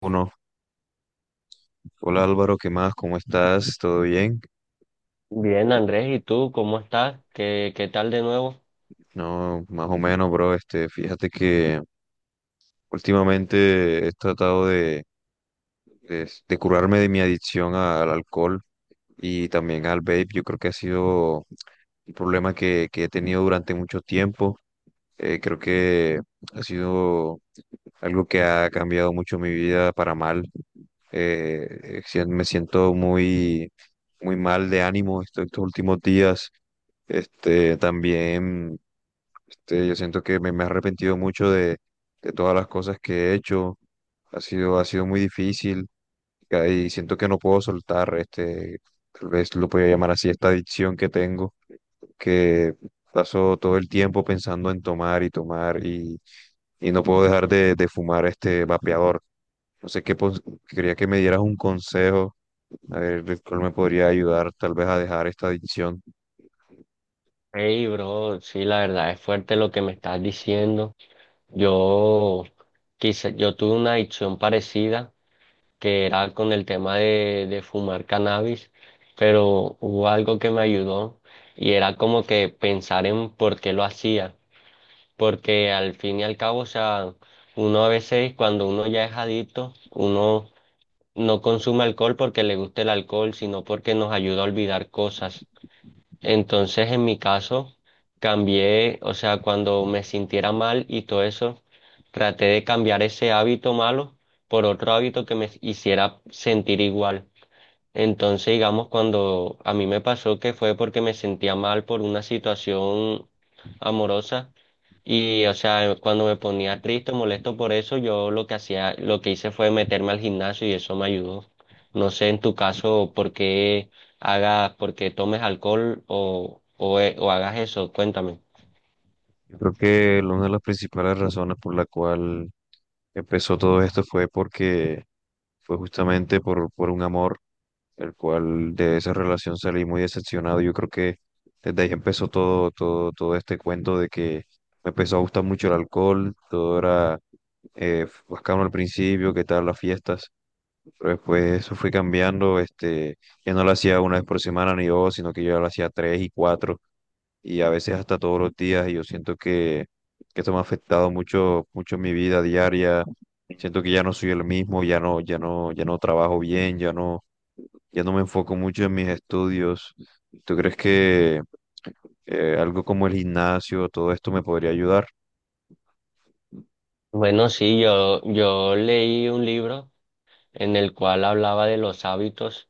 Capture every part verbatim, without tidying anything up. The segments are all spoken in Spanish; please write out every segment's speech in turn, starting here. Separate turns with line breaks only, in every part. Uno, hola Álvaro, ¿qué más? ¿Cómo estás? ¿Todo bien?
Bien, Andrés, ¿y tú cómo estás? ¿Qué, qué tal de nuevo?
No, más o menos, bro. Este, fíjate que Últimamente he tratado de, de, de curarme de mi adicción al alcohol y también al vape. Yo creo que ha sido un problema que, que he tenido durante mucho tiempo. Eh, creo que ha sido algo que ha cambiado mucho mi vida para mal. Eh, si- me siento muy, muy mal de ánimo esto- estos últimos días. Este, también este, yo siento que me, me he arrepentido mucho de todas las cosas que he hecho. Ha sido, ha sido muy difícil ca- y siento que no puedo soltar este, tal vez lo podría llamar así, esta adicción que tengo, que paso todo el tiempo pensando en tomar y tomar y, y no puedo dejar de, de fumar este vapeador. No sé qué, pos- quería que me dieras un consejo, a ver de cuál me podría ayudar tal vez a dejar esta adicción.
Hey, bro, sí, la verdad es fuerte lo que me estás diciendo. Yo quizá, yo tuve una adicción parecida que era con el tema de, de fumar cannabis, pero hubo algo que me ayudó y era como que pensar en por qué lo hacía, porque al fin y al cabo, o sea, uno a veces cuando uno ya es adicto, uno no consume alcohol porque le gusta el alcohol, sino porque nos ayuda a olvidar cosas. Entonces, en mi caso, cambié, o sea, cuando me sintiera mal y todo eso, traté de cambiar ese hábito malo por otro hábito que me hiciera sentir igual. Entonces, digamos, cuando a mí me pasó que fue porque me sentía mal por una situación amorosa, y, o sea, cuando me ponía triste o molesto por eso, yo lo que hacía, lo que hice fue meterme al gimnasio y eso me ayudó. No sé en tu caso por qué hagas, por qué tomes alcohol o, o, eh, o hagas eso, cuéntame.
Yo creo que una de las principales razones por la cual empezó todo esto fue porque fue justamente por, por un amor, el cual de esa relación salí muy decepcionado. Yo creo que desde ahí empezó todo, todo, todo este cuento de que me empezó a gustar mucho el alcohol, todo era eh, bacano al principio, qué tal las fiestas, pero después eso fue cambiando, este, que no lo hacía una vez por semana ni dos, sino que yo ya lo hacía tres y cuatro y a veces hasta todos los días y yo siento que, que esto me ha afectado mucho, mucho en mi vida diaria. Siento que ya no soy el mismo, ya no, ya no, ya no trabajo bien, ya no, ya no me enfoco mucho en mis estudios. ¿Tú crees que eh, algo como el gimnasio, todo esto me podría ayudar?
Bueno, sí, yo, yo leí un libro en el cual hablaba de los hábitos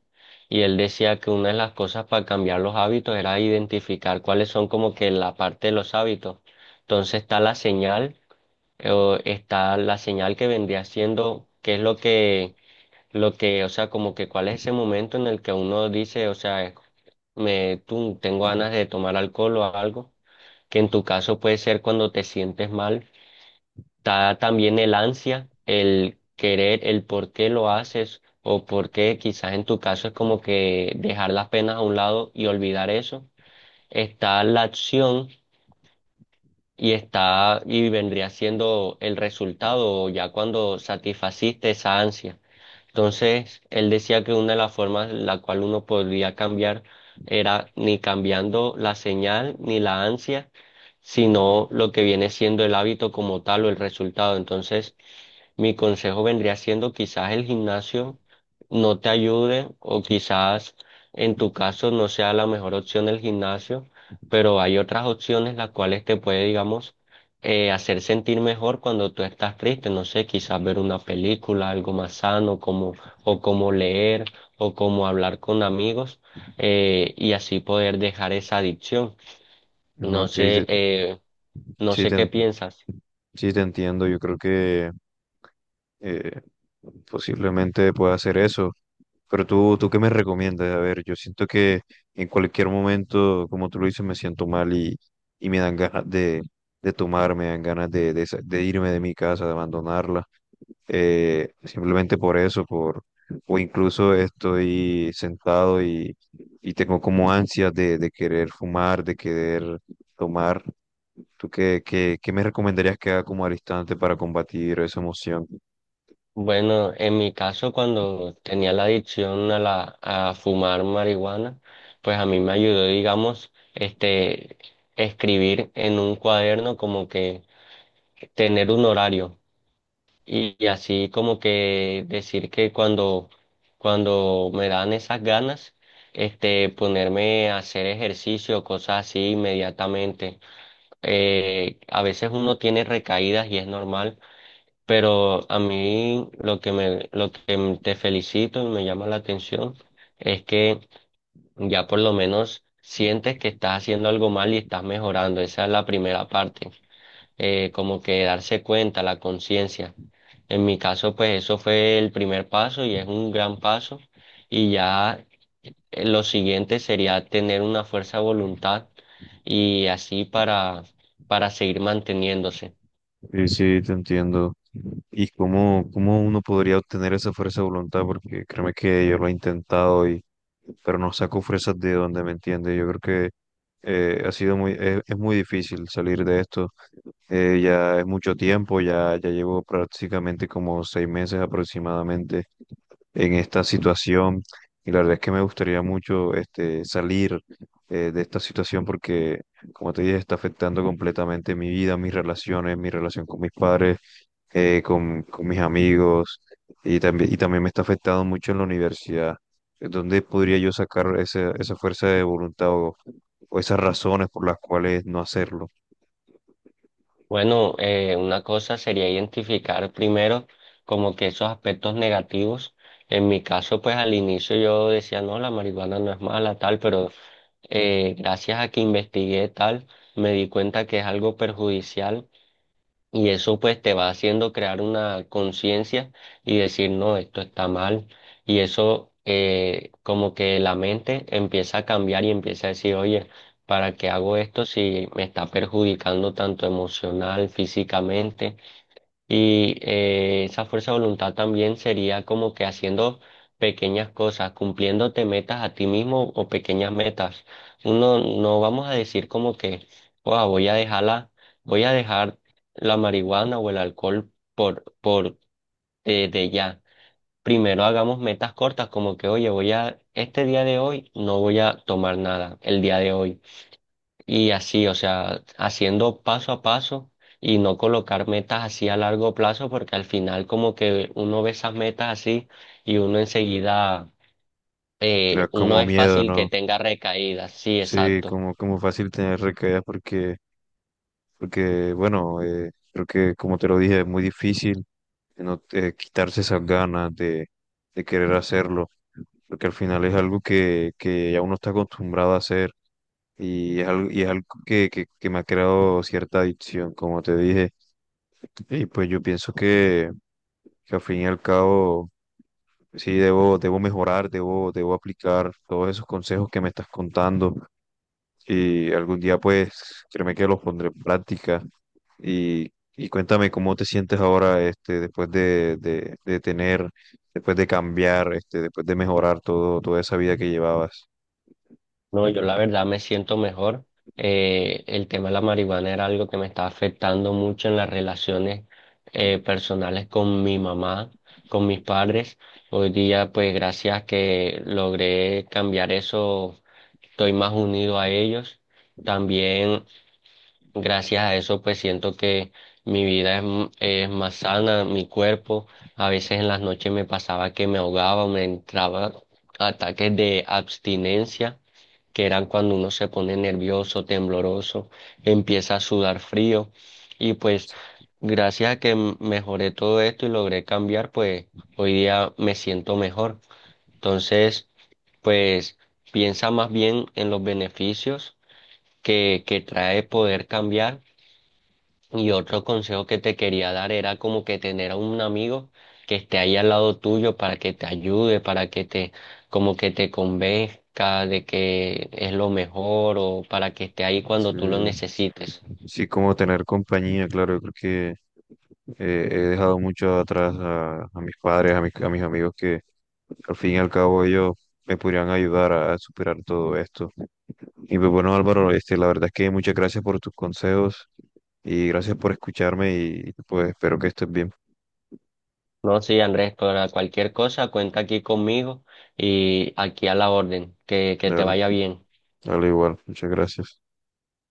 y él decía que una de las cosas para cambiar los hábitos era identificar cuáles son como que la parte de los hábitos. Entonces está la señal, o está la señal que vendría siendo, qué es lo que, lo que, o sea, como que cuál es ese momento en el que uno dice, o sea, me, tú, tengo ganas de tomar alcohol o algo, que en tu caso puede ser cuando te sientes mal. Está también el ansia, el querer, el por qué lo haces o por qué quizás en tu caso es como que dejar las penas a un lado y olvidar eso. Está la acción, y está, y vendría siendo el resultado ya cuando satisfaciste esa ansia. Entonces, él decía que una de las formas en la cual uno podría cambiar era ni cambiando la señal ni la ansia, sino lo que viene siendo el hábito como tal o el resultado. Entonces, mi consejo vendría siendo quizás el gimnasio no te ayude o quizás en tu caso no sea la mejor opción el gimnasio, pero hay otras opciones las cuales te puede, digamos, eh, hacer sentir mejor cuando tú estás triste. No sé, quizás ver una película, algo más sano, como, o como leer, o como hablar con amigos, eh, y así poder dejar esa adicción.
No,
No
ok, te-
sé, eh, no
sí
sé
te,
qué
en-
piensas.
sí te entiendo. Yo creo que eh, posiblemente pueda hacer eso. Pero tú, ¿tú qué me recomiendas? A ver, yo siento que en cualquier momento, como tú lo dices, me siento mal y, y me dan ganas de, de tomar, me dan ganas de, de, sa- de irme de mi casa, de abandonarla. Eh, simplemente por eso, por, o incluso estoy sentado y tengo como ansias de, de querer fumar, de querer tomar. ¿Tú qué, qué, qué me recomendarías que haga como al instante para combatir esa emoción?
Bueno, en mi caso, cuando tenía la adicción a la, a fumar marihuana, pues a mí me ayudó, digamos, este, escribir en un cuaderno como que tener un horario y, y así como que decir que cuando, cuando me dan esas ganas, este, ponerme a hacer ejercicio, cosas así inmediatamente. Eh, a veces uno tiene recaídas y es normal, pero a mí lo que me, lo que m- te felicito y me llama la atención es que ya por lo menos sientes que estás haciendo algo mal y estás mejorando. Esa es la primera parte, eh, como que darse cuenta, la conciencia. En mi caso, pues eso fue el primer paso y es un gran paso. Y ya eh, lo siguiente sería tener una fuerza de voluntad y así para, para seguir manteniéndose.
Sí, sí, te entiendo. ¿Y cómo, cómo uno podría obtener esa fuerza de voluntad? Porque créeme que yo lo he intentado y, pero no saco fuerzas de donde me entiende. Yo creo que eh, ha sido muy, es, es muy difícil salir de esto. Eh, ya es mucho tiempo, ya, ya llevo prácticamente como seis meses aproximadamente en esta situación. Y la verdad es que me gustaría mucho este, salir eh, de esta situación porque, como te dije, está afectando completamente mi vida, mis relaciones, mi relación con mis padres, eh, con, con mis amigos y también, y también me está afectando mucho en la universidad. ¿Dónde podría yo sacar ese- esa fuerza de voluntad o, o esas razones por las cuales no hacerlo?
Bueno, eh, una cosa sería identificar primero como que esos aspectos negativos. En mi caso, pues al inicio yo decía, no, la marihuana no es mala, tal, pero eh, gracias a que investigué tal, me di cuenta que es algo perjudicial y eso pues te va haciendo crear una conciencia y decir, no, esto está mal. Y eso eh, como que la mente empieza a cambiar y empieza a decir, oye, ¿para qué hago esto si me está perjudicando tanto emocional, físicamente? Y eh, esa fuerza de voluntad también sería como que haciendo pequeñas cosas, cumpliéndote metas a ti mismo o pequeñas metas. Uno no vamos a decir como que, "Guau, voy a dejarla, voy a dejar la marihuana o el alcohol por, por eh, de ya". Primero hagamos metas cortas como que, oye, voy a, este día de hoy no voy a tomar nada, el día de hoy, y así, o sea, haciendo paso a paso y no colocar metas así a largo plazo, porque al final como que uno ve esas metas así y uno enseguida,
Le da
eh, uno
como
es
miedo,
fácil que
¿no?
tenga recaídas, sí,
Sí,
exacto.
como, como fácil tener recaídas porque porque bueno, eh, creo que como te lo dije, es muy difícil eh, no, eh, quitarse esas ganas de, de querer hacerlo, porque al final es algo que, que ya uno está acostumbrado a hacer y es algo, y es algo que, que, que me ha creado cierta adicción, como te dije, y pues yo pienso que, que al fin y al cabo... Sí, debo, debo mejorar, debo, debo aplicar todos esos consejos que me estás contando y algún día pues créeme que los pondré en práctica y, y cuéntame cómo te sientes ahora este, después de, de, de tener, después de cambiar, este, después de mejorar todo, toda esa vida que llevabas.
No, yo la verdad me siento mejor. Eh, el tema de la marihuana era algo que me estaba afectando mucho en las relaciones eh, personales con mi mamá, con mis padres. Hoy día, pues gracias que logré cambiar eso, estoy más unido a ellos. También gracias a eso pues siento que mi vida es, m- es más sana, mi cuerpo. A veces en las noches me pasaba que me ahogaba, me entraba ataques de abstinencia, que eran cuando uno se pone nervioso, tembloroso, empieza a sudar frío. Y pues gracias a que m- mejoré todo esto y logré cambiar, pues hoy día me siento mejor. Entonces, pues piensa más bien en los beneficios que, que trae poder cambiar. Y otro consejo que te quería dar era como que tener a un amigo que esté ahí al lado tuyo para que te ayude, para que te, como que te convenzca de que es lo mejor o para que esté ahí cuando tú lo
Sí,
necesites.
sí, como tener compañía, claro, yo creo que eh, he dejado mucho atrás a, a mis padres, a mis, a mis amigos que al fin y al cabo ellos me podrían ayudar a, a superar todo esto. Y pues bueno, Álvaro, este, la verdad es que muchas gracias por tus consejos y gracias por escucharme y pues espero que estés bien.
No, sí, Andrés, para cualquier cosa cuenta aquí conmigo y aquí a la orden. Que, que te
Dale,
vaya bien.
dale igual, muchas gracias.